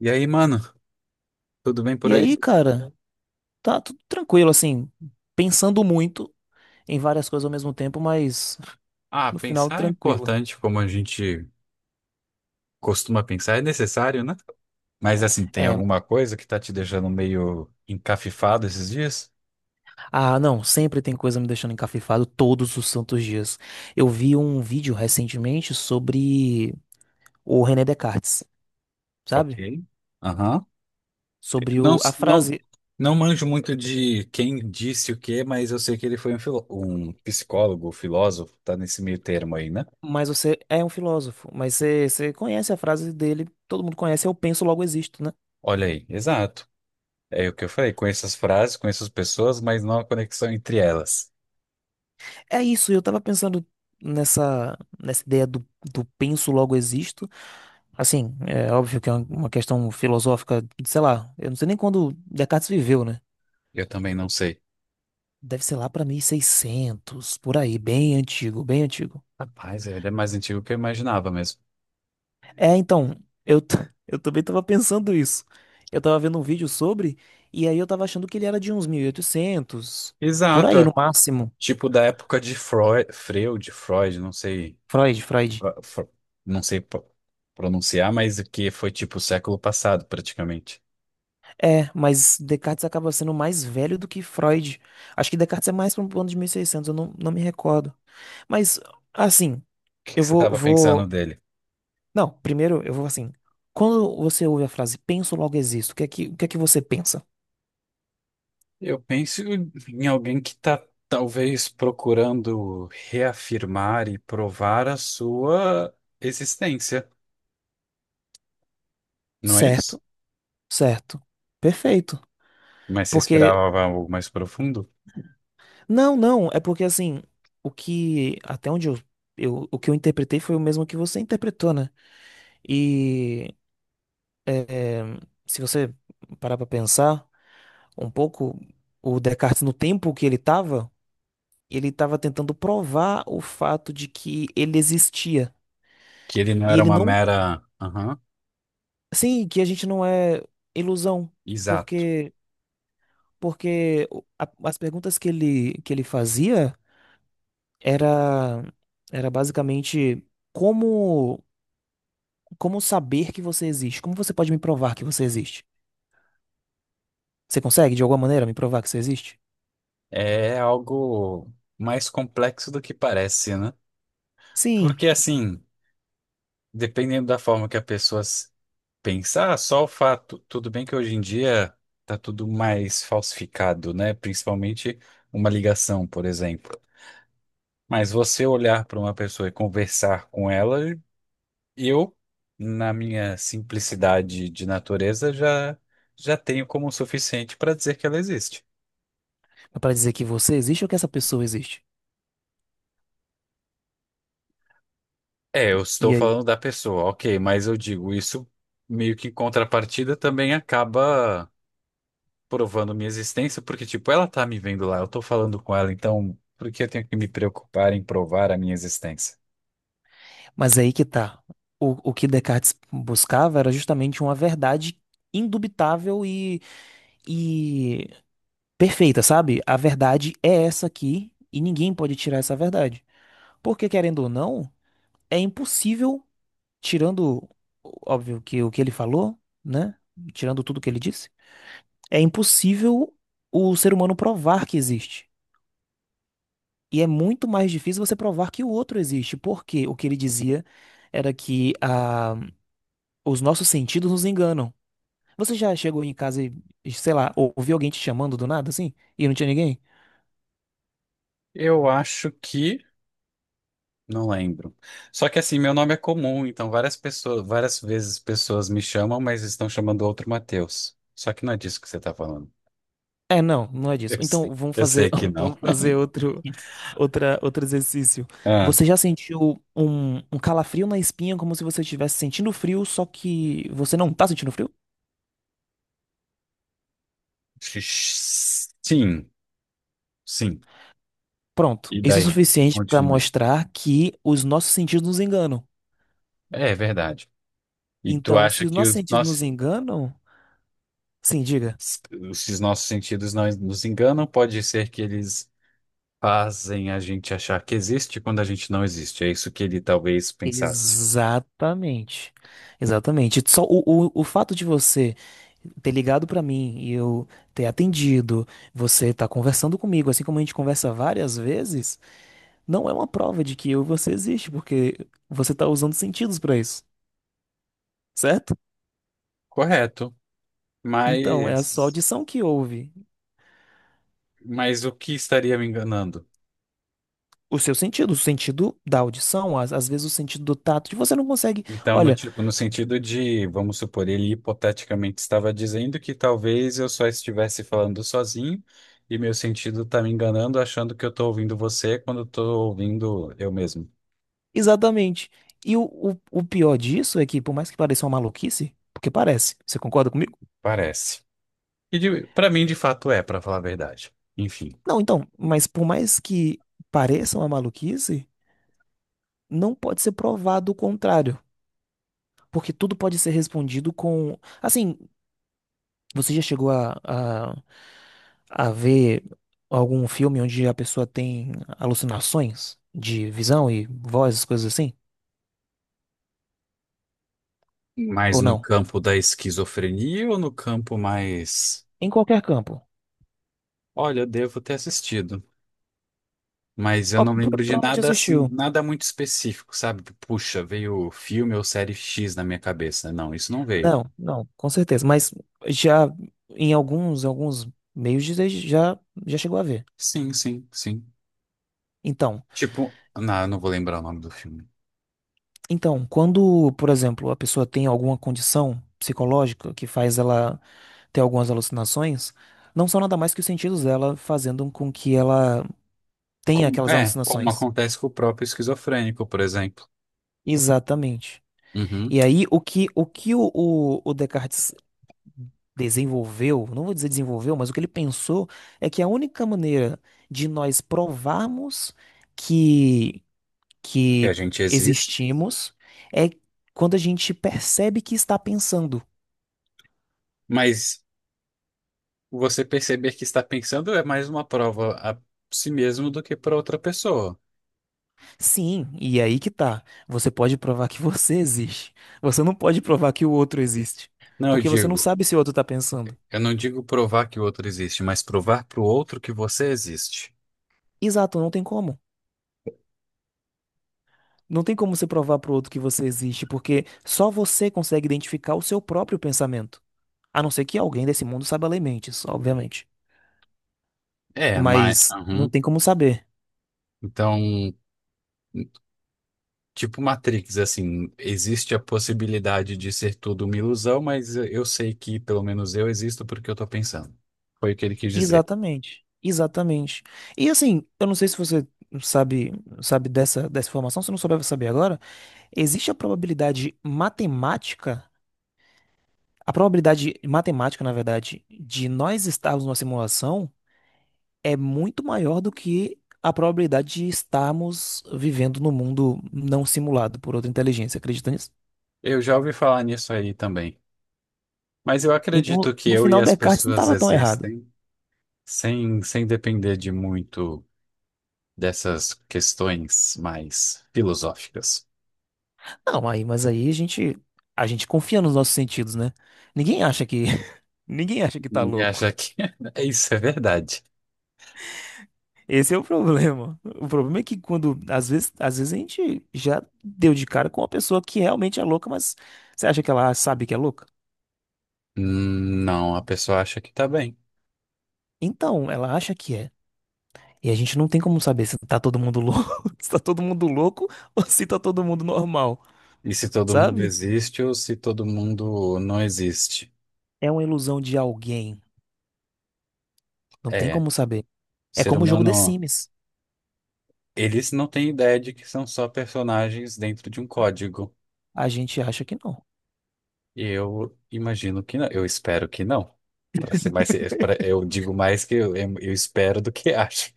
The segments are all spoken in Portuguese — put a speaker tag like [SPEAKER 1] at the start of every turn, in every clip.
[SPEAKER 1] E aí, mano, tudo bem por
[SPEAKER 2] E aí,
[SPEAKER 1] aí?
[SPEAKER 2] cara, tá tudo tranquilo, assim, pensando muito em várias coisas ao mesmo tempo, mas
[SPEAKER 1] Ah,
[SPEAKER 2] no final
[SPEAKER 1] pensar é
[SPEAKER 2] tranquilo.
[SPEAKER 1] importante, como a gente costuma pensar, é necessário, né? Mas assim, tem
[SPEAKER 2] É,
[SPEAKER 1] alguma coisa que tá te deixando meio encafifado esses dias?
[SPEAKER 2] ah, não, sempre tem coisa me deixando encafifado todos os santos dias. Eu vi um vídeo recentemente sobre o René Descartes,
[SPEAKER 1] Ok.
[SPEAKER 2] sabe?
[SPEAKER 1] Aham.
[SPEAKER 2] Sobre
[SPEAKER 1] Não,
[SPEAKER 2] a
[SPEAKER 1] não,
[SPEAKER 2] frase,
[SPEAKER 1] não manjo muito de quem disse o quê, mas eu sei que ele foi um psicólogo, filósofo, tá nesse meio termo aí, né?
[SPEAKER 2] mas você é um filósofo, mas você conhece a frase dele, todo mundo conhece, eu penso, logo existo, né?
[SPEAKER 1] Olha aí, exato. É o que eu falei, conheço as frases, conheço as pessoas, mas não a conexão entre elas.
[SPEAKER 2] É isso, eu tava pensando nessa ideia do penso, logo existo. Assim, é óbvio que é uma questão filosófica, sei lá, eu não sei nem quando Descartes viveu, né?
[SPEAKER 1] Eu também não sei.
[SPEAKER 2] Deve ser lá pra 1600 por aí, bem antigo, bem antigo.
[SPEAKER 1] Rapaz, é, ele é mais antigo que eu imaginava mesmo.
[SPEAKER 2] É, então, eu, t- eu também tava pensando isso. Eu tava vendo um vídeo sobre, e aí eu tava achando que ele era de uns 1800 por
[SPEAKER 1] Exato.
[SPEAKER 2] aí no
[SPEAKER 1] É.
[SPEAKER 2] máximo.
[SPEAKER 1] Tipo da época de Freud, não sei,
[SPEAKER 2] Freud, Freud.
[SPEAKER 1] ah, Fro- não sei pronunciar, mas que foi tipo século passado praticamente.
[SPEAKER 2] É, mas Descartes acaba sendo mais velho do que Freud. Acho que Descartes é mais para um ano de 1600, eu não, não me recordo. Mas, assim,
[SPEAKER 1] O que que
[SPEAKER 2] eu
[SPEAKER 1] você
[SPEAKER 2] vou,
[SPEAKER 1] estava pensando
[SPEAKER 2] vou
[SPEAKER 1] dele?
[SPEAKER 2] Não, primeiro eu vou assim. Quando você ouve a frase penso logo existo, o que é que você pensa?
[SPEAKER 1] Eu penso em alguém que está talvez procurando reafirmar e provar a sua existência, não é isso?
[SPEAKER 2] Certo, certo, perfeito.
[SPEAKER 1] Mas você
[SPEAKER 2] Porque,
[SPEAKER 1] esperava algo mais profundo?
[SPEAKER 2] não, não, é porque assim, o que, até onde eu, o que eu interpretei foi o mesmo que você interpretou, né? E se você parar pra pensar um pouco, o Descartes no tempo que ele tava tentando provar o fato de que ele existia.
[SPEAKER 1] Que ele não
[SPEAKER 2] E
[SPEAKER 1] era
[SPEAKER 2] ele
[SPEAKER 1] uma
[SPEAKER 2] não,
[SPEAKER 1] mera. Aham,
[SPEAKER 2] sim, que a gente não é ilusão,
[SPEAKER 1] exato.
[SPEAKER 2] porque as perguntas que ele fazia era, era basicamente como, como saber que você existe? Como você pode me provar que você existe? Você consegue, de alguma maneira, me provar que você existe?
[SPEAKER 1] É algo mais complexo do que parece, né?
[SPEAKER 2] Sim,
[SPEAKER 1] Porque assim, dependendo da forma que a pessoa pensar, só o fato, tudo bem que hoje em dia tá tudo mais falsificado, né? Principalmente uma ligação, por exemplo. Mas você olhar para uma pessoa e conversar com ela, eu, na minha simplicidade de natureza, já tenho como o suficiente para dizer que ela existe.
[SPEAKER 2] mas para dizer que você existe ou que essa pessoa existe?
[SPEAKER 1] É, eu estou
[SPEAKER 2] E aí?
[SPEAKER 1] falando da pessoa, ok, mas eu digo isso meio que em contrapartida também acaba provando minha existência, porque, tipo, ela tá me vendo lá, eu tô falando com ela, então por que eu tenho que me preocupar em provar a minha existência?
[SPEAKER 2] Mas é aí que tá. O que Descartes buscava era justamente uma verdade indubitável e perfeita, sabe? A verdade é essa aqui e ninguém pode tirar essa verdade. Porque, querendo ou não, é impossível, tirando, óbvio, que o que ele falou, né? Tirando tudo que ele disse, é impossível o ser humano provar que existe. E é muito mais difícil você provar que o outro existe, porque o que ele dizia era que ah, os nossos sentidos nos enganam. Você já chegou em casa e, sei lá, ouviu alguém te chamando do nada, assim, e não tinha ninguém?
[SPEAKER 1] Eu acho que. Não lembro. Só que assim, meu nome é comum, então várias pessoas, várias vezes pessoas me chamam, mas estão chamando outro Matheus. Só que não é disso que você tá falando.
[SPEAKER 2] É, não, não é disso. Então, vamos
[SPEAKER 1] Eu
[SPEAKER 2] fazer,
[SPEAKER 1] sei que não.
[SPEAKER 2] vamos fazer outro. Outro exercício.
[SPEAKER 1] Ah,
[SPEAKER 2] Você já sentiu um calafrio na espinha como se você estivesse sentindo frio, só que você não tá sentindo frio?
[SPEAKER 1] sim, sim.
[SPEAKER 2] Pronto.
[SPEAKER 1] E
[SPEAKER 2] Isso é
[SPEAKER 1] daí?
[SPEAKER 2] suficiente para
[SPEAKER 1] Continue.
[SPEAKER 2] mostrar que os nossos sentidos nos enganam.
[SPEAKER 1] É verdade. E tu
[SPEAKER 2] Então, se
[SPEAKER 1] acha
[SPEAKER 2] os
[SPEAKER 1] que
[SPEAKER 2] nossos
[SPEAKER 1] os.
[SPEAKER 2] sentidos nos
[SPEAKER 1] Nossa.
[SPEAKER 2] enganam, sim, diga.
[SPEAKER 1] s- Esses nossos sentidos não nos enganam, pode ser que eles fazem a gente achar que existe quando a gente não existe. É isso que ele talvez pensasse.
[SPEAKER 2] Exatamente. Exatamente. Só o fato de você ter ligado pra mim e eu ter atendido, você tá conversando comigo, assim como a gente conversa várias vezes. Não é uma prova de que eu e você existe, porque você está usando sentidos para isso, certo?
[SPEAKER 1] Correto,
[SPEAKER 2] Então, é a sua
[SPEAKER 1] mas
[SPEAKER 2] audição que ouve
[SPEAKER 1] mas o que estaria me enganando?
[SPEAKER 2] o seu sentido, o sentido da audição, às vezes o sentido do tato, que você não consegue.
[SPEAKER 1] Então,
[SPEAKER 2] Olha,
[SPEAKER 1] tipo, no sentido de, vamos supor, ele hipoteticamente estava dizendo que talvez eu só estivesse falando sozinho e meu sentido está me enganando, achando que eu estou ouvindo você quando estou ouvindo eu mesmo.
[SPEAKER 2] exatamente. E o pior disso é que, por mais que pareça uma maluquice, porque parece, você concorda comigo?
[SPEAKER 1] Parece. E para mim, de fato, é, para falar a verdade. Enfim.
[SPEAKER 2] Não, então, mas por mais que pareça uma maluquice, não pode ser provado o contrário. Porque tudo pode ser respondido com. Assim, você já chegou a ver algum filme onde a pessoa tem alucinações de visão e voz, essas coisas assim?
[SPEAKER 1] Mais
[SPEAKER 2] Ou
[SPEAKER 1] no
[SPEAKER 2] não?
[SPEAKER 1] campo da esquizofrenia ou no campo mais.
[SPEAKER 2] Em qualquer campo.
[SPEAKER 1] Olha, eu devo ter assistido, mas eu
[SPEAKER 2] Ó,
[SPEAKER 1] não lembro de
[SPEAKER 2] provavelmente
[SPEAKER 1] nada assim,
[SPEAKER 2] assistiu.
[SPEAKER 1] nada muito específico, sabe? Puxa, veio filme ou série X na minha cabeça. Não, isso não veio.
[SPEAKER 2] Não, não, com certeza. Mas já em alguns meios de- já, já chegou a ver.
[SPEAKER 1] Sim, sim, sim.
[SPEAKER 2] Então,
[SPEAKER 1] Tipo, não, eu não vou lembrar o nome do filme.
[SPEAKER 2] então, quando, por exemplo, a pessoa tem alguma condição psicológica que faz ela ter algumas alucinações, não são nada mais que os sentidos dela fazendo com que ela tem aquelas
[SPEAKER 1] É, como
[SPEAKER 2] alucinações.
[SPEAKER 1] acontece com o próprio esquizofrênico, por exemplo.
[SPEAKER 2] Exatamente.
[SPEAKER 1] Uhum,
[SPEAKER 2] E aí, o que o Descartes desenvolveu, não vou dizer desenvolveu, mas o que ele pensou é que a única maneira de nós provarmos que,
[SPEAKER 1] que a
[SPEAKER 2] que
[SPEAKER 1] gente existe,
[SPEAKER 2] existimos é quando a gente percebe que está pensando.
[SPEAKER 1] mas você perceber que está pensando é mais uma prova a si mesmo do que para outra pessoa.
[SPEAKER 2] Sim, e aí que tá. Você pode provar que você existe. Você não pode provar que o outro existe.
[SPEAKER 1] Não, eu
[SPEAKER 2] Porque você não
[SPEAKER 1] digo.
[SPEAKER 2] sabe se o outro está pensando.
[SPEAKER 1] Eu não digo provar que o outro existe, mas provar para o outro que você existe.
[SPEAKER 2] Exato, não tem como. Não tem como você provar pro outro que você existe, porque só você consegue identificar o seu próprio pensamento. A não ser que alguém desse mundo saiba ler mentes, obviamente.
[SPEAKER 1] É, mas.
[SPEAKER 2] Mas não
[SPEAKER 1] Aham.
[SPEAKER 2] tem como saber.
[SPEAKER 1] Então, tipo Matrix, assim, existe a possibilidade de ser tudo uma ilusão, mas eu sei que pelo menos eu existo porque eu tô pensando. Foi o que ele quis dizer.
[SPEAKER 2] Exatamente. Exatamente. E assim, eu não sei se você sabe, sabe dessa informação, se não souber, vai saber agora. Existe a probabilidade matemática, na verdade, de nós estarmos numa simulação é muito maior do que a probabilidade de estarmos vivendo num mundo não simulado por outra inteligência, acredita nisso?
[SPEAKER 1] Eu já ouvi falar nisso aí também. Mas eu
[SPEAKER 2] Então,
[SPEAKER 1] acredito que
[SPEAKER 2] no
[SPEAKER 1] eu e
[SPEAKER 2] final,
[SPEAKER 1] as
[SPEAKER 2] Descartes não
[SPEAKER 1] pessoas
[SPEAKER 2] estava tão errado.
[SPEAKER 1] existem sem depender de muito dessas questões mais filosóficas.
[SPEAKER 2] Não, aí, mas aí a gente confia nos nossos sentidos, né? Ninguém acha que, ninguém acha que tá
[SPEAKER 1] Ninguém
[SPEAKER 2] louco.
[SPEAKER 1] acha que isso é verdade.
[SPEAKER 2] Esse é o problema. O problema é que quando, às vezes a gente já deu de cara com uma pessoa que realmente é louca, mas você acha que ela sabe que é louca?
[SPEAKER 1] Não, a pessoa acha que tá bem.
[SPEAKER 2] Então, ela acha que é. E a gente não tem como saber se tá todo mundo louco, se tá todo mundo louco ou se tá todo mundo normal,
[SPEAKER 1] E se todo mundo
[SPEAKER 2] sabe?
[SPEAKER 1] existe ou se todo mundo não existe?
[SPEAKER 2] É uma ilusão de alguém. Não tem
[SPEAKER 1] É, o
[SPEAKER 2] como saber. É
[SPEAKER 1] ser
[SPEAKER 2] como o jogo The
[SPEAKER 1] humano,
[SPEAKER 2] Sims.
[SPEAKER 1] eles não têm ideia de que são só personagens dentro de um código.
[SPEAKER 2] A gente acha que não.
[SPEAKER 1] E eu imagino que não, eu espero que não. Para ser mais, eu digo mais que eu espero do que acho.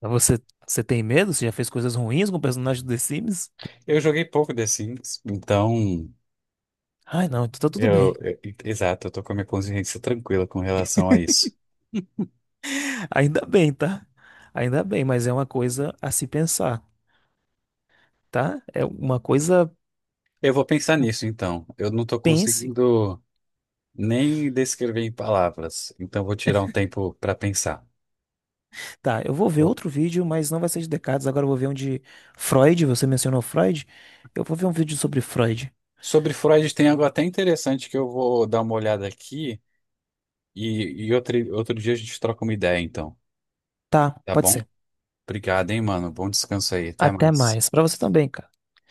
[SPEAKER 2] Mas você, você tem medo? Você já fez coisas ruins com o personagem do The Sims?
[SPEAKER 1] Eu joguei pouco The Sims, então
[SPEAKER 2] Ai, não, então tá tudo
[SPEAKER 1] eu,
[SPEAKER 2] bem.
[SPEAKER 1] eu- exato, eu tô com a minha consciência tranquila com relação a isso.
[SPEAKER 2] Ainda bem, tá? Ainda bem, mas é uma coisa a se pensar, tá? É uma coisa.
[SPEAKER 1] Eu vou pensar nisso então. Eu não tô
[SPEAKER 2] Pense.
[SPEAKER 1] conseguindo nem descrever em palavras. Então vou tirar um tempo para pensar.
[SPEAKER 2] Tá, eu vou ver
[SPEAKER 1] Vou-
[SPEAKER 2] outro vídeo, mas não vai ser de Descartes. Agora eu vou ver um de Freud. Você mencionou Freud? Eu vou ver um vídeo sobre Freud.
[SPEAKER 1] Sobre Freud tem algo até interessante que eu vou dar uma olhada aqui e outro dia a gente troca uma ideia, então.
[SPEAKER 2] Tá,
[SPEAKER 1] Tá
[SPEAKER 2] pode
[SPEAKER 1] bom?
[SPEAKER 2] ser.
[SPEAKER 1] Obrigado, hein, mano. Bom descanso aí. Até
[SPEAKER 2] Até
[SPEAKER 1] mais.
[SPEAKER 2] mais. Pra você também, cara.